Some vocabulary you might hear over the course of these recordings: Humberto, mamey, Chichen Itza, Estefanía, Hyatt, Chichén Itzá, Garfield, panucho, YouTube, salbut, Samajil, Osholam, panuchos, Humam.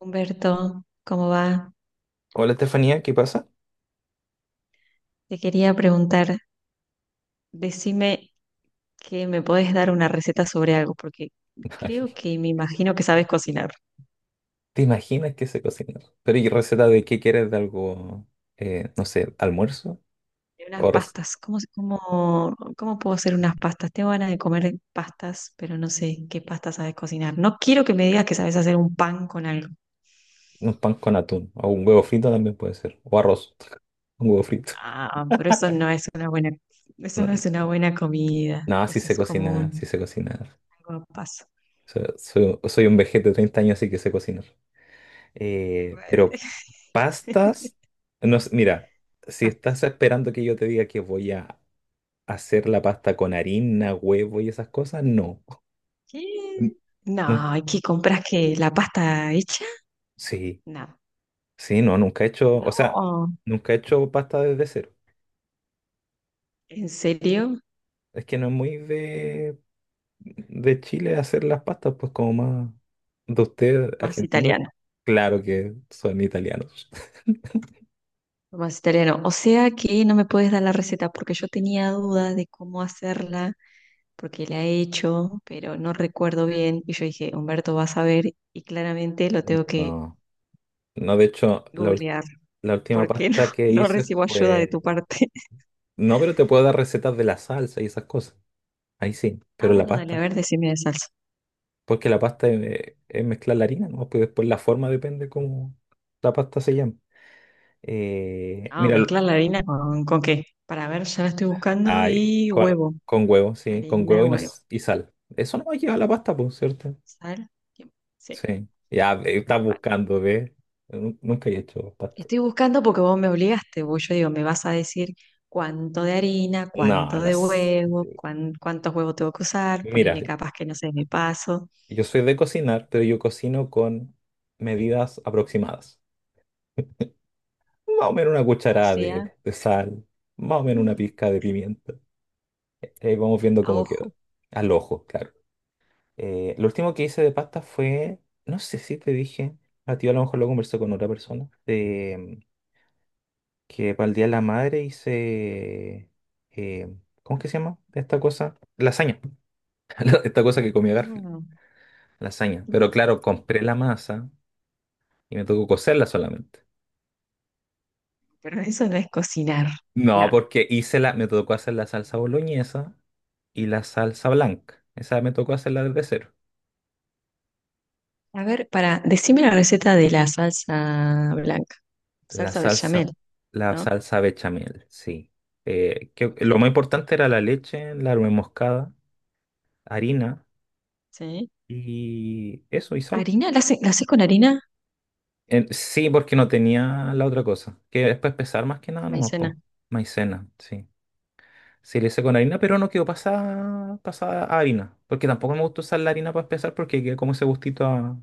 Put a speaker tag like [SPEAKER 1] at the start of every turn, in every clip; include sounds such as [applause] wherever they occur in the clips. [SPEAKER 1] Humberto, ¿cómo va?
[SPEAKER 2] Hola Estefanía, ¿qué pasa?
[SPEAKER 1] Te quería preguntar, decime que me podés dar una receta sobre algo, porque
[SPEAKER 2] [laughs] Ay,
[SPEAKER 1] creo que me imagino que sabes cocinar.
[SPEAKER 2] ¿te imaginas que se cocina? Pero ¿y receta de qué quieres de algo, no sé, almuerzo?
[SPEAKER 1] De unas
[SPEAKER 2] ¿O
[SPEAKER 1] pastas, ¿cómo puedo hacer unas pastas? Tengo ganas de comer pastas, pero no sé qué pastas sabes cocinar. No quiero que me digas que sabes hacer un pan con algo.
[SPEAKER 2] un pan con atún? ¿O un huevo frito también puede ser? ¿O arroz? [laughs] Un huevo frito.
[SPEAKER 1] Ah, pero eso no es una buena, eso no es
[SPEAKER 2] [laughs]
[SPEAKER 1] una buena comida.
[SPEAKER 2] No, no, sí
[SPEAKER 1] Eso
[SPEAKER 2] se
[SPEAKER 1] es como
[SPEAKER 2] cocina, sí
[SPEAKER 1] un
[SPEAKER 2] se cocina.
[SPEAKER 1] algo a paso.
[SPEAKER 2] Soy un vejete de 30 años, así que sé cocinar. Pero pastas,
[SPEAKER 1] [laughs]
[SPEAKER 2] no sé, mira, si estás esperando que yo te diga que voy a hacer la pasta con harina, huevo y esas cosas, no.
[SPEAKER 1] ¿Qué?
[SPEAKER 2] [laughs] N- No,
[SPEAKER 1] No, ¿y qué compras que la pasta hecha?
[SPEAKER 2] sí.
[SPEAKER 1] No,
[SPEAKER 2] Sí, no, nunca he hecho, o sea,
[SPEAKER 1] no,
[SPEAKER 2] nunca he hecho pasta desde cero.
[SPEAKER 1] en serio,
[SPEAKER 2] Es que no es muy de Chile hacer las pastas, pues como más de ustedes
[SPEAKER 1] más
[SPEAKER 2] argentinos.
[SPEAKER 1] italiano,
[SPEAKER 2] Claro que son italianos.
[SPEAKER 1] más italiano. O sea que no me puedes dar la receta porque yo tenía dudas de cómo hacerla, porque la he hecho, pero no recuerdo bien. Y yo dije, Humberto va a saber, y claramente lo tengo que
[SPEAKER 2] No, no, de hecho,
[SPEAKER 1] googlear
[SPEAKER 2] la última
[SPEAKER 1] porque no,
[SPEAKER 2] pasta
[SPEAKER 1] [laughs]
[SPEAKER 2] que
[SPEAKER 1] no
[SPEAKER 2] hice
[SPEAKER 1] recibo ayuda de tu
[SPEAKER 2] fue...
[SPEAKER 1] parte. [laughs]
[SPEAKER 2] No, pero te puedo dar recetas de la salsa y esas cosas. Ahí sí,
[SPEAKER 1] Ah,
[SPEAKER 2] pero la
[SPEAKER 1] bueno, dale, a
[SPEAKER 2] pasta.
[SPEAKER 1] ver, decime de salsa.
[SPEAKER 2] Porque la pasta es mezclar la harina, ¿no? Pues después la forma depende cómo la pasta se llama.
[SPEAKER 1] Ah,
[SPEAKER 2] Mira.
[SPEAKER 1] mezclar la harina con qué. Para ver, ya la estoy buscando
[SPEAKER 2] Ay,
[SPEAKER 1] y
[SPEAKER 2] con,
[SPEAKER 1] huevo.
[SPEAKER 2] con huevo, sí, con
[SPEAKER 1] Harina,
[SPEAKER 2] huevo y,
[SPEAKER 1] huevo.
[SPEAKER 2] y sal. Eso no lleva la pasta, por cierto.
[SPEAKER 1] Sal. Tiempo. Sí.
[SPEAKER 2] Sí. Ya, ve, estás
[SPEAKER 1] Vale.
[SPEAKER 2] buscando, ¿ves? Nunca he hecho pasta.
[SPEAKER 1] Estoy buscando porque vos me obligaste, vos yo digo, me vas a decir cuánto de harina,
[SPEAKER 2] No,
[SPEAKER 1] cuánto
[SPEAKER 2] no.
[SPEAKER 1] de huevo, cuántos huevos tengo que usar,
[SPEAKER 2] Mira,
[SPEAKER 1] ponerle capas que no sé, me paso,
[SPEAKER 2] yo soy de cocinar, pero yo cocino con medidas aproximadas. Más o menos una
[SPEAKER 1] o
[SPEAKER 2] cucharada de,
[SPEAKER 1] sea,
[SPEAKER 2] de sal, más o menos una
[SPEAKER 1] Mm,
[SPEAKER 2] pizca de pimienta. Ahí vamos viendo
[SPEAKER 1] a
[SPEAKER 2] cómo queda.
[SPEAKER 1] ojo.
[SPEAKER 2] Al ojo, claro. Lo último que hice de pasta fue, no sé si te dije, a ti a lo mejor lo conversé con otra persona. Que para el Día de la Madre hice, eh, ¿cómo es que se llama esta cosa? Lasaña, [laughs] esta cosa que comía Garfield,
[SPEAKER 1] Mm,
[SPEAKER 2] lasaña. Pero
[SPEAKER 1] mm.
[SPEAKER 2] claro, compré la masa y me tocó cocerla solamente.
[SPEAKER 1] Pero eso no es cocinar,
[SPEAKER 2] No,
[SPEAKER 1] no.
[SPEAKER 2] porque me tocó hacer la salsa boloñesa y la salsa blanca. Esa me tocó hacerla desde cero.
[SPEAKER 1] A ver, para, decime la receta de la salsa blanca,
[SPEAKER 2] La
[SPEAKER 1] salsa
[SPEAKER 2] salsa,
[SPEAKER 1] bechamel,
[SPEAKER 2] la
[SPEAKER 1] ¿no?
[SPEAKER 2] salsa bechamel, sí. Que
[SPEAKER 1] Ok,
[SPEAKER 2] lo más importante era la leche, la nuez moscada, harina
[SPEAKER 1] sí.
[SPEAKER 2] y eso, y sal.
[SPEAKER 1] ¿Harina? ¿La haces con harina?
[SPEAKER 2] Sí, porque no tenía la otra cosa, que es para pesar más que nada nomás,
[SPEAKER 1] Maicena.
[SPEAKER 2] po. Maicena, sí. Sí, le hice con harina, pero no quedó pasada, pasada a harina, porque tampoco me gusta usar la harina para pesar porque queda como ese gustito a,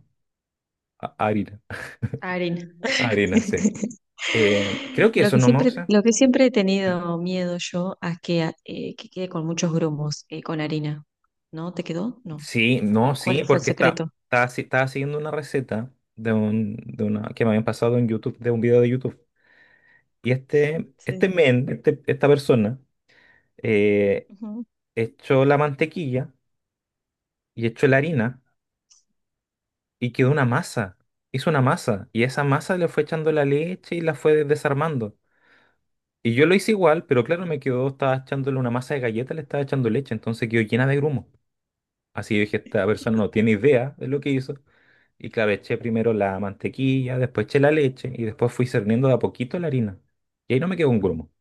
[SPEAKER 2] a harina. [laughs]
[SPEAKER 1] Arena. [laughs]
[SPEAKER 2] A harina, sí. Creo que eso no me usa.
[SPEAKER 1] Lo que siempre he tenido miedo yo a que quede con muchos grumos, con harina. ¿No? ¿Te quedó? No.
[SPEAKER 2] Sí, no,
[SPEAKER 1] ¿O
[SPEAKER 2] sí,
[SPEAKER 1] cuál fue el
[SPEAKER 2] porque está,
[SPEAKER 1] secreto?
[SPEAKER 2] estaba, estaba siguiendo una receta de un, de una, que me habían pasado en YouTube, de un video de YouTube. Y este, este
[SPEAKER 1] Sí.
[SPEAKER 2] men, este- esta persona, eh,
[SPEAKER 1] Ujú.
[SPEAKER 2] echó la mantequilla y echó la harina y quedó una masa. Hizo una masa y esa masa le fue echando la leche y la fue desarmando. Y yo lo hice igual, pero claro, me quedó, estaba echándole una masa de galleta, le estaba echando leche, entonces quedó llena de grumo. Así yo dije, esta persona no tiene idea de lo que hizo. Y claro, eché primero la mantequilla, después eché la leche y después fui cerniendo de a poquito la harina. Y ahí no me quedó un grumo.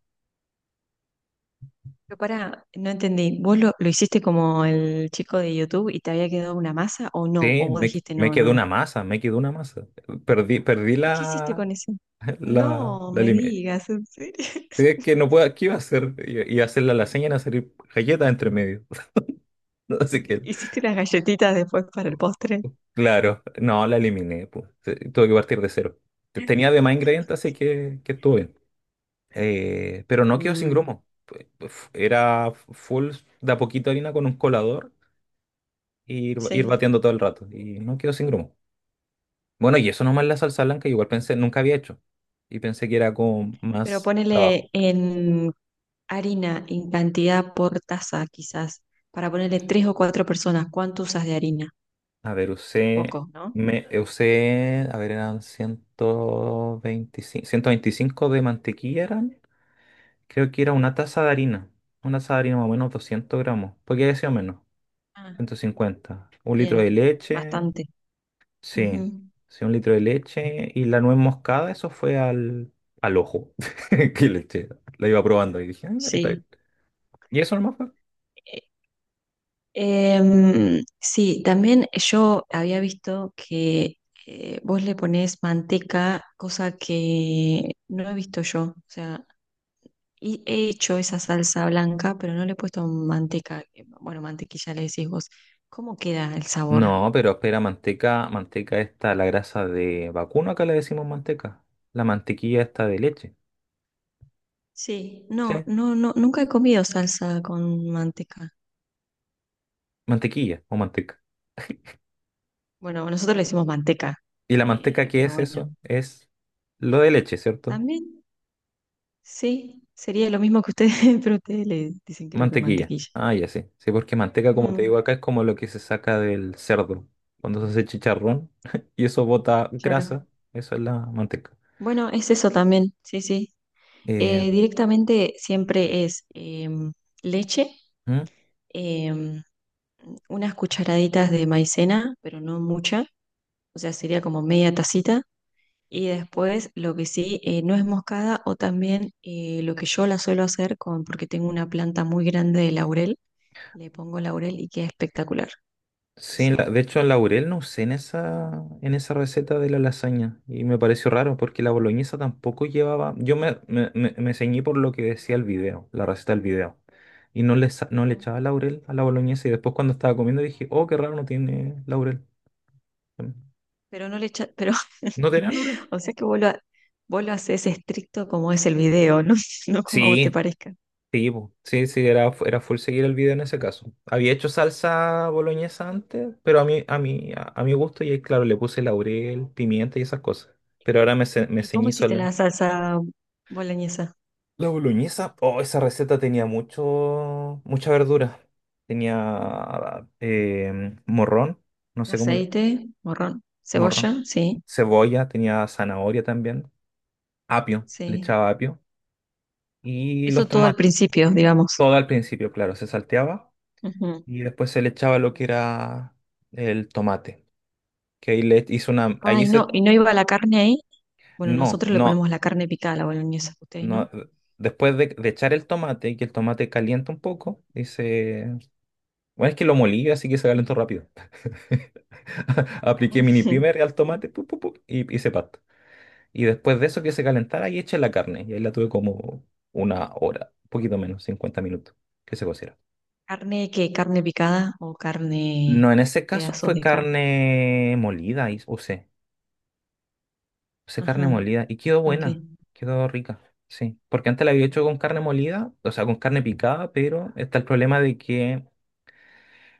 [SPEAKER 1] Pero pará, no entendí. ¿Vos lo hiciste como el chico de YouTube y te había quedado una masa o no?
[SPEAKER 2] Sí,
[SPEAKER 1] ¿O vos dijiste
[SPEAKER 2] me
[SPEAKER 1] no,
[SPEAKER 2] quedó
[SPEAKER 1] no?
[SPEAKER 2] una masa, me quedó una masa. Perdí
[SPEAKER 1] ¿Y qué hiciste
[SPEAKER 2] la,
[SPEAKER 1] con eso?
[SPEAKER 2] [laughs] la,
[SPEAKER 1] No,
[SPEAKER 2] la,
[SPEAKER 1] me digas, ¿en serio?
[SPEAKER 2] es que no puedo, ¿qué iba a hacer? Iba a hacer la lasaña y iban a salir galletas entre medio. [laughs] Así
[SPEAKER 1] [laughs]
[SPEAKER 2] que,
[SPEAKER 1] ¿Hiciste las galletitas después para el postre?
[SPEAKER 2] claro, no, la eliminé. Pues. Tuve que partir de cero. Tenía demás ingredientes, así que estuvo bien. Pero no quedó sin
[SPEAKER 1] Mm,
[SPEAKER 2] grumo. Era full de a poquito harina con un colador y ir
[SPEAKER 1] sí.
[SPEAKER 2] bateando todo el rato. Y no quedó sin grumo. Bueno, y eso nomás la salsa blanca, igual pensé, nunca había hecho. Y pensé que era con
[SPEAKER 1] Pero
[SPEAKER 2] más trabajo.
[SPEAKER 1] ponele en harina, en cantidad por taza, quizás, para ponerle tres o cuatro personas. ¿Cuánto usas de harina?
[SPEAKER 2] A ver,
[SPEAKER 1] Poco, ¿no?
[SPEAKER 2] a ver, eran 125, 125 de mantequilla eran. Creo que era
[SPEAKER 1] Mm.
[SPEAKER 2] una taza de harina. Una taza de harina más o menos 200 gramos. Porque había sido menos,
[SPEAKER 1] Ah,
[SPEAKER 2] 150. Un litro de
[SPEAKER 1] bien,
[SPEAKER 2] leche,
[SPEAKER 1] bastante.
[SPEAKER 2] sí.
[SPEAKER 1] Ujú,
[SPEAKER 2] Sí, un litro de leche. Y la nuez moscada, eso fue al ojo [laughs] que le eché. La iba probando y dije, "Ah, ahí está bien".
[SPEAKER 1] sí.
[SPEAKER 2] Y eso nomás fue.
[SPEAKER 1] Sí, también yo había visto que vos le ponés manteca, cosa que no he visto yo. O sea, y he hecho esa salsa blanca, pero no le he puesto manteca. Que, bueno, mantequilla le decís vos. ¿Cómo queda el sabor?
[SPEAKER 2] No, pero espera, manteca esta, la grasa de vacuno, acá le decimos manteca. La mantequilla esta de leche.
[SPEAKER 1] Sí,
[SPEAKER 2] Sí,
[SPEAKER 1] no, no, no, nunca he comido salsa con manteca.
[SPEAKER 2] mantequilla o manteca.
[SPEAKER 1] Bueno, nosotros le decimos manteca,
[SPEAKER 2] ¿Y la manteca qué
[SPEAKER 1] pero
[SPEAKER 2] es
[SPEAKER 1] bueno,
[SPEAKER 2] eso? Es lo de leche, ¿cierto?
[SPEAKER 1] también sí, sería lo mismo que ustedes, [laughs] pero ustedes le dicen creo que
[SPEAKER 2] Mantequilla.
[SPEAKER 1] mantequilla.
[SPEAKER 2] Ah, ya sí. Sí, porque manteca, como te
[SPEAKER 1] Ujú,
[SPEAKER 2] digo acá, es como lo que se saca del cerdo cuando se hace chicharrón [laughs] y eso bota
[SPEAKER 1] claro.
[SPEAKER 2] grasa. Eso es la manteca.
[SPEAKER 1] Bueno, es eso también, sí, sí.
[SPEAKER 2] Eh,
[SPEAKER 1] Directamente siempre es leche,
[SPEAKER 2] ¿Mm?
[SPEAKER 1] em, unas cucharaditas de maicena, pero no mucha, o sea, sería como media tacita. Y después lo que sí, nuez moscada o también lo que yo la suelo hacer con, porque tengo una planta muy grande de laurel, le pongo laurel y queda espectacular el
[SPEAKER 2] Sí, de
[SPEAKER 1] sabor.
[SPEAKER 2] hecho laurel no usé en esa receta de la lasaña y me pareció raro porque la boloñesa tampoco llevaba, yo me ceñí por lo que decía el video, la receta del video y no le echaba laurel a la boloñesa y después cuando estaba comiendo dije, oh, qué raro, no tiene laurel.
[SPEAKER 1] Pero no le echa, pero.
[SPEAKER 2] ¿No tenía
[SPEAKER 1] [laughs]
[SPEAKER 2] laurel?
[SPEAKER 1] O sea que vos lo haces estricto como es el video, ¿no? [laughs] No como a vos te
[SPEAKER 2] Sí,
[SPEAKER 1] parezca.
[SPEAKER 2] sí, po. Sí, sí, era full seguir el video en ese caso. Había hecho salsa boloñesa antes, pero a mi gusto y ahí, claro, le puse laurel, pimienta y esas cosas. Pero ahora me
[SPEAKER 1] ¿Y cómo
[SPEAKER 2] ceñí.
[SPEAKER 1] hiciste la salsa boloñesa?
[SPEAKER 2] La boloñesa, oh, esa receta tenía mucho, mucha verdura. Tenía morrón, no sé cómo le...
[SPEAKER 1] Aceite, morrón, cebolla,
[SPEAKER 2] Morrón.
[SPEAKER 1] sí,
[SPEAKER 2] Cebolla, tenía zanahoria también. Apio, le
[SPEAKER 1] sí.
[SPEAKER 2] echaba apio. Y
[SPEAKER 1] Eso
[SPEAKER 2] los
[SPEAKER 1] todo al
[SPEAKER 2] tomates.
[SPEAKER 1] principio, digamos.
[SPEAKER 2] Todo al principio, claro, se salteaba.
[SPEAKER 1] Ujú.
[SPEAKER 2] Y después se le echaba lo que era el tomate. Que ahí le e, hizo una... Ahí
[SPEAKER 1] Ay, no,
[SPEAKER 2] se...
[SPEAKER 1] ¿y no iba la carne ahí? Bueno,
[SPEAKER 2] No,
[SPEAKER 1] nosotros le
[SPEAKER 2] no,
[SPEAKER 1] ponemos la carne picada a la boloñesa, ustedes,
[SPEAKER 2] no.
[SPEAKER 1] ¿no?
[SPEAKER 2] Después de echar el tomate, que el tomate calienta un poco, y se... Bueno, es que lo molí, así que se calentó rápido. [laughs] Apliqué
[SPEAKER 1] [laughs]
[SPEAKER 2] mini primer al
[SPEAKER 1] Sí.
[SPEAKER 2] tomate pu, pu, pu, y hice pasta. Y después de eso que se calentara y eché la carne. Y ahí la tuve como una hora, un poquito menos, 50 minutos, que se cociera.
[SPEAKER 1] ¿Carne qué? ¿Carne picada o carne,
[SPEAKER 2] No, en ese caso
[SPEAKER 1] pedazos
[SPEAKER 2] fue
[SPEAKER 1] de carne?
[SPEAKER 2] carne molida, y usé. Usé carne
[SPEAKER 1] Ajá,
[SPEAKER 2] molida y quedó
[SPEAKER 1] ok.
[SPEAKER 2] buena, quedó rica, sí. Porque antes la había hecho con carne molida, o sea, con carne picada, pero está el problema de que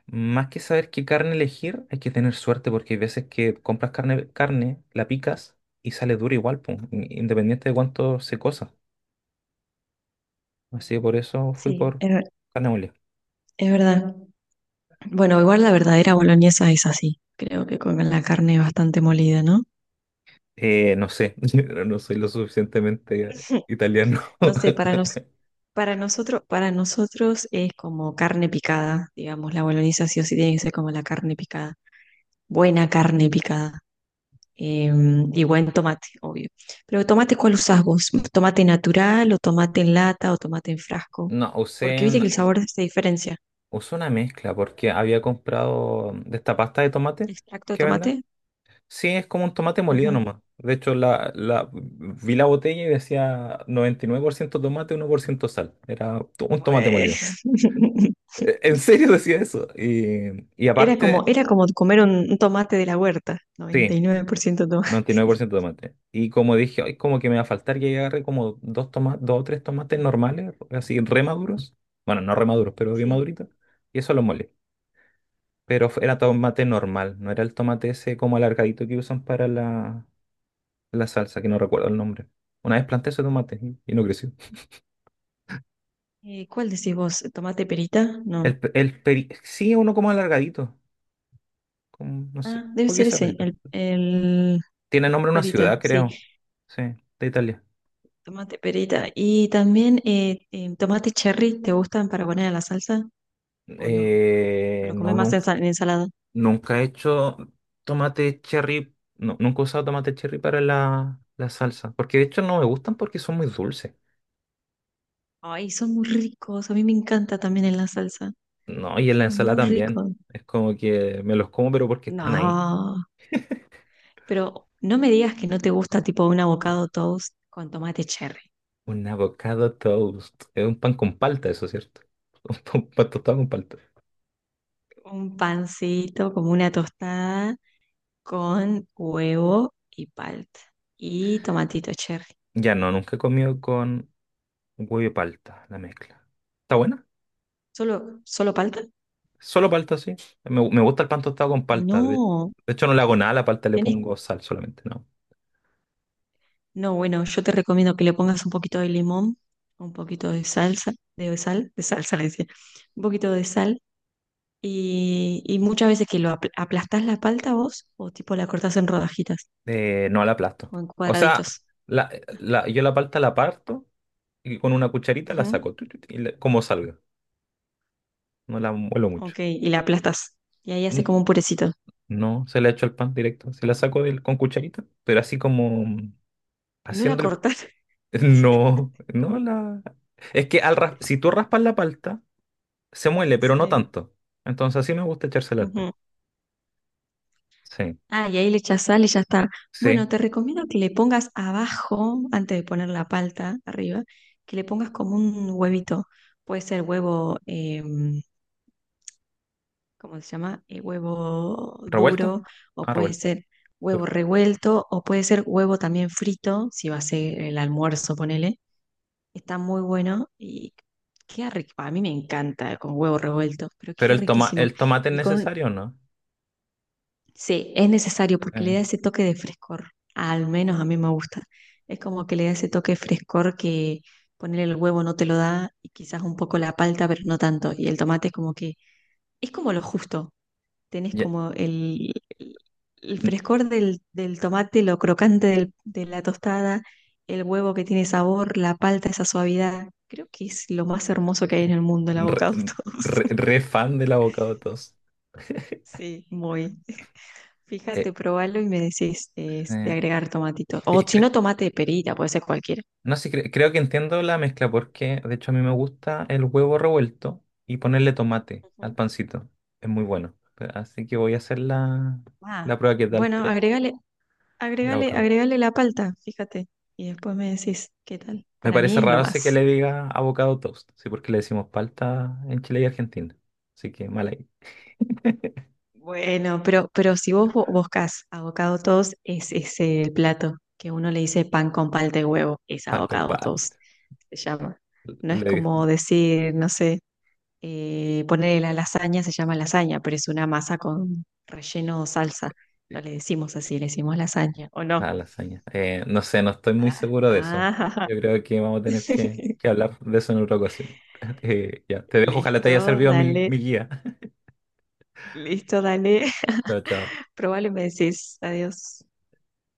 [SPEAKER 2] más que saber qué carne elegir, hay que tener suerte porque hay veces que compras carne, la picas y sale dura igual, po, independiente de cuánto se cosa. Así que por eso fui
[SPEAKER 1] Sí,
[SPEAKER 2] por carne mole.
[SPEAKER 1] es verdad. Bueno, igual la verdadera boloñesa es así. Creo que con la carne bastante molida, ¿no?
[SPEAKER 2] No sé, [laughs] yo no soy lo suficientemente
[SPEAKER 1] [laughs]
[SPEAKER 2] italiano.
[SPEAKER 1] No sé, para
[SPEAKER 2] [laughs]
[SPEAKER 1] nos, para nosotros, para nosotros es como carne picada, digamos, la boloñesa sí o sí tiene que ser como la carne picada. Buena carne picada. eh, y buen tomate, obvio. Pero tomate, ¿cuál usás vos? ¿Tomate natural o tomate en lata o tomate en frasco?
[SPEAKER 2] No,
[SPEAKER 1] Porque
[SPEAKER 2] usé
[SPEAKER 1] viste que
[SPEAKER 2] una,
[SPEAKER 1] el sabor se diferencia.
[SPEAKER 2] usé una mezcla porque había comprado de esta pasta de tomate
[SPEAKER 1] ¿Extracto de
[SPEAKER 2] que venden.
[SPEAKER 1] tomate?
[SPEAKER 2] Sí, es como un tomate molido
[SPEAKER 1] Ujú.
[SPEAKER 2] nomás. De hecho, vi la botella y decía 99% tomate, 1% sal. Era un tomate
[SPEAKER 1] Bueno.
[SPEAKER 2] molido.
[SPEAKER 1] [laughs]
[SPEAKER 2] En serio [laughs] decía eso. Y
[SPEAKER 1] Era como,
[SPEAKER 2] aparte,
[SPEAKER 1] era como comer un tomate de la huerta, noventa
[SPEAKER 2] sí,
[SPEAKER 1] y nueve por ciento
[SPEAKER 2] noventa y nueve por
[SPEAKER 1] tomate. [laughs]
[SPEAKER 2] ciento tomate. Y como dije, ay, como que me va a faltar, y ahí agarré como dos tomates, dos o tres tomates normales, así remaduros. Bueno, no remaduros, pero bien
[SPEAKER 1] Sí.
[SPEAKER 2] maduritos. Y eso lo molé. Pero era tomate normal, no era el tomate ese como alargadito que usan para la salsa, que no recuerdo el nombre. Una vez planté ese tomate y no creció.
[SPEAKER 1] ¿Cuál decís vos? ¿Tomate perita?
[SPEAKER 2] El,
[SPEAKER 1] No.
[SPEAKER 2] pe- el peri- sí, es uno como alargadito. Como, no sé.
[SPEAKER 1] Ah, debe
[SPEAKER 2] ¿Por qué
[SPEAKER 1] ser
[SPEAKER 2] esa
[SPEAKER 1] ese,
[SPEAKER 2] perita?
[SPEAKER 1] el
[SPEAKER 2] Tiene nombre de una
[SPEAKER 1] perita,
[SPEAKER 2] ciudad,
[SPEAKER 1] sí,
[SPEAKER 2] creo. Sí, de Italia.
[SPEAKER 1] tomate perita. Y también tomate cherry, ¿te gustan para poner a la salsa o no? ¿O
[SPEAKER 2] Eh,
[SPEAKER 1] lo comes
[SPEAKER 2] no,
[SPEAKER 1] más en,
[SPEAKER 2] nunca,
[SPEAKER 1] sal- en ensalada?
[SPEAKER 2] nunca he hecho tomate cherry. No, nunca he usado tomate cherry para la salsa. Porque de hecho no me gustan porque son muy dulces.
[SPEAKER 1] Ay, son muy ricos, a mí me encanta también en la salsa.
[SPEAKER 2] No, y en la
[SPEAKER 1] Quedan
[SPEAKER 2] ensalada
[SPEAKER 1] muy
[SPEAKER 2] también.
[SPEAKER 1] ricos.
[SPEAKER 2] Es como que me los como, pero porque están ahí.
[SPEAKER 1] No, pero no me digas que no te gusta tipo un avocado toast con tomate cherry.
[SPEAKER 2] Un avocado toast. Es un pan con palta, eso es cierto. [laughs] Un pan tostado con palta.
[SPEAKER 1] Un pancito como una tostada con huevo y palta. Y tomatito cherry.
[SPEAKER 2] Ya no, nunca he comido con huevo y palta, la mezcla. ¿Está buena?
[SPEAKER 1] ¿Solo, solo palta?
[SPEAKER 2] Solo palta, sí. Me gusta el pan tostado con palta. De
[SPEAKER 1] No,
[SPEAKER 2] hecho, no le hago nada a la palta, le
[SPEAKER 1] tenés.
[SPEAKER 2] pongo sal solamente, ¿no?
[SPEAKER 1] No, bueno, yo te recomiendo que le pongas un poquito de limón, un poquito de salsa, de sal, de salsa le decía, un poquito de sal. Y muchas veces que lo aplastás la palta vos, o tipo la cortás en rodajitas
[SPEAKER 2] No la aplasto.
[SPEAKER 1] o en
[SPEAKER 2] O sea,
[SPEAKER 1] cuadraditos.
[SPEAKER 2] la, yo la palta la parto y con una cucharita la
[SPEAKER 1] Ujú,
[SPEAKER 2] saco, tu, y como salga. No la muelo mucho.
[SPEAKER 1] ok, y la aplastás. Y ahí hace
[SPEAKER 2] N-
[SPEAKER 1] como un purecito.
[SPEAKER 2] No, se la echo al pan directo. Se la saco con cucharita, pero así como
[SPEAKER 1] Y no la
[SPEAKER 2] haciendo
[SPEAKER 1] cortás.
[SPEAKER 2] el.
[SPEAKER 1] [laughs]
[SPEAKER 2] No, no la. Es que si tú raspas la palta, se muele, pero no
[SPEAKER 1] Sí,
[SPEAKER 2] tanto. Entonces así me gusta echársela al pan.
[SPEAKER 1] ujú.
[SPEAKER 2] Sí,
[SPEAKER 1] Ah, y ahí le echas sal y ya está.
[SPEAKER 2] sí.
[SPEAKER 1] Bueno, te recomiendo que le pongas abajo, antes de poner la palta arriba, que le pongas como un huevito. Puede ser huevo, ¿cómo se llama? Huevo
[SPEAKER 2] ¿Revuelto?
[SPEAKER 1] duro, o
[SPEAKER 2] Ah,
[SPEAKER 1] puede
[SPEAKER 2] revuelto.
[SPEAKER 1] ser huevo
[SPEAKER 2] Duro.
[SPEAKER 1] revuelto, o puede ser huevo también frito, si va a ser el almuerzo, ponele. Está muy bueno y queda rico. A mí me encanta con huevo revuelto, pero
[SPEAKER 2] Pero
[SPEAKER 1] queda riquísimo.
[SPEAKER 2] el tomate es
[SPEAKER 1] Y con.
[SPEAKER 2] necesario, ¿no?
[SPEAKER 1] Sí, es necesario porque
[SPEAKER 2] Eh,
[SPEAKER 1] le da ese toque de frescor. Al menos a mí me gusta. Es como que le da ese toque de frescor que ponerle el huevo no te lo da y quizás un poco la palta, pero no tanto. Y el tomate es como que es como lo justo. Tenés
[SPEAKER 2] ya.
[SPEAKER 1] como el- el
[SPEAKER 2] N-
[SPEAKER 1] frescor del tomate, lo crocante de la tostada, el huevo que tiene sabor, la palta, esa suavidad. Creo que es lo más hermoso que hay en el mundo, el
[SPEAKER 2] Re,
[SPEAKER 1] avocado [laughs] toast.
[SPEAKER 2] re fan del avocado toast.
[SPEAKER 1] Sí, muy.
[SPEAKER 2] Eh,
[SPEAKER 1] Fíjate, probalo y me decís de
[SPEAKER 2] eh,
[SPEAKER 1] agregar tomatito.
[SPEAKER 2] sí,
[SPEAKER 1] O si no, tomate de perita, puede ser cualquiera.
[SPEAKER 2] no sé, creo que entiendo la mezcla porque, de hecho, a mí me gusta el huevo revuelto y ponerle tomate al
[SPEAKER 1] Ujú.
[SPEAKER 2] pancito. Es muy bueno. Así que voy a hacer la
[SPEAKER 1] Ah,
[SPEAKER 2] prueba que tal.
[SPEAKER 1] bueno, agregale,
[SPEAKER 2] El
[SPEAKER 1] agregale,
[SPEAKER 2] abocado.
[SPEAKER 1] agregale la palta, fíjate. Y después me decís qué tal.
[SPEAKER 2] Me
[SPEAKER 1] Para mí
[SPEAKER 2] parece
[SPEAKER 1] es lo
[SPEAKER 2] raro ese que
[SPEAKER 1] más.
[SPEAKER 2] le diga abocado toast, sí, porque le decimos palta en Chile y Argentina. Así que mal ahí.
[SPEAKER 1] Bueno, pero si vos buscás avocado toast, es ese el plato que uno le dice pan con palta y huevo. Es
[SPEAKER 2] Pan con
[SPEAKER 1] avocado
[SPEAKER 2] palta.
[SPEAKER 1] toast, se llama. No es
[SPEAKER 2] Le
[SPEAKER 1] como decir, no sé, ponerle la lasaña, se llama lasaña, pero es una masa con relleno o salsa. No le decimos así, le decimos lasaña, ¿o no?
[SPEAKER 2] a lasaña. No sé, no estoy muy
[SPEAKER 1] Ah,
[SPEAKER 2] seguro de eso.
[SPEAKER 1] ah,
[SPEAKER 2] Yo creo que vamos a tener que,
[SPEAKER 1] [laughs]
[SPEAKER 2] que hablar de eso en otra ocasión. [laughs] Ya, te dejo, ojalá te haya
[SPEAKER 1] listo,
[SPEAKER 2] servido mi,
[SPEAKER 1] dale,
[SPEAKER 2] mi guía.
[SPEAKER 1] listo, dale.
[SPEAKER 2] [laughs] Chao, chao.
[SPEAKER 1] [laughs] Probable me decís, adiós.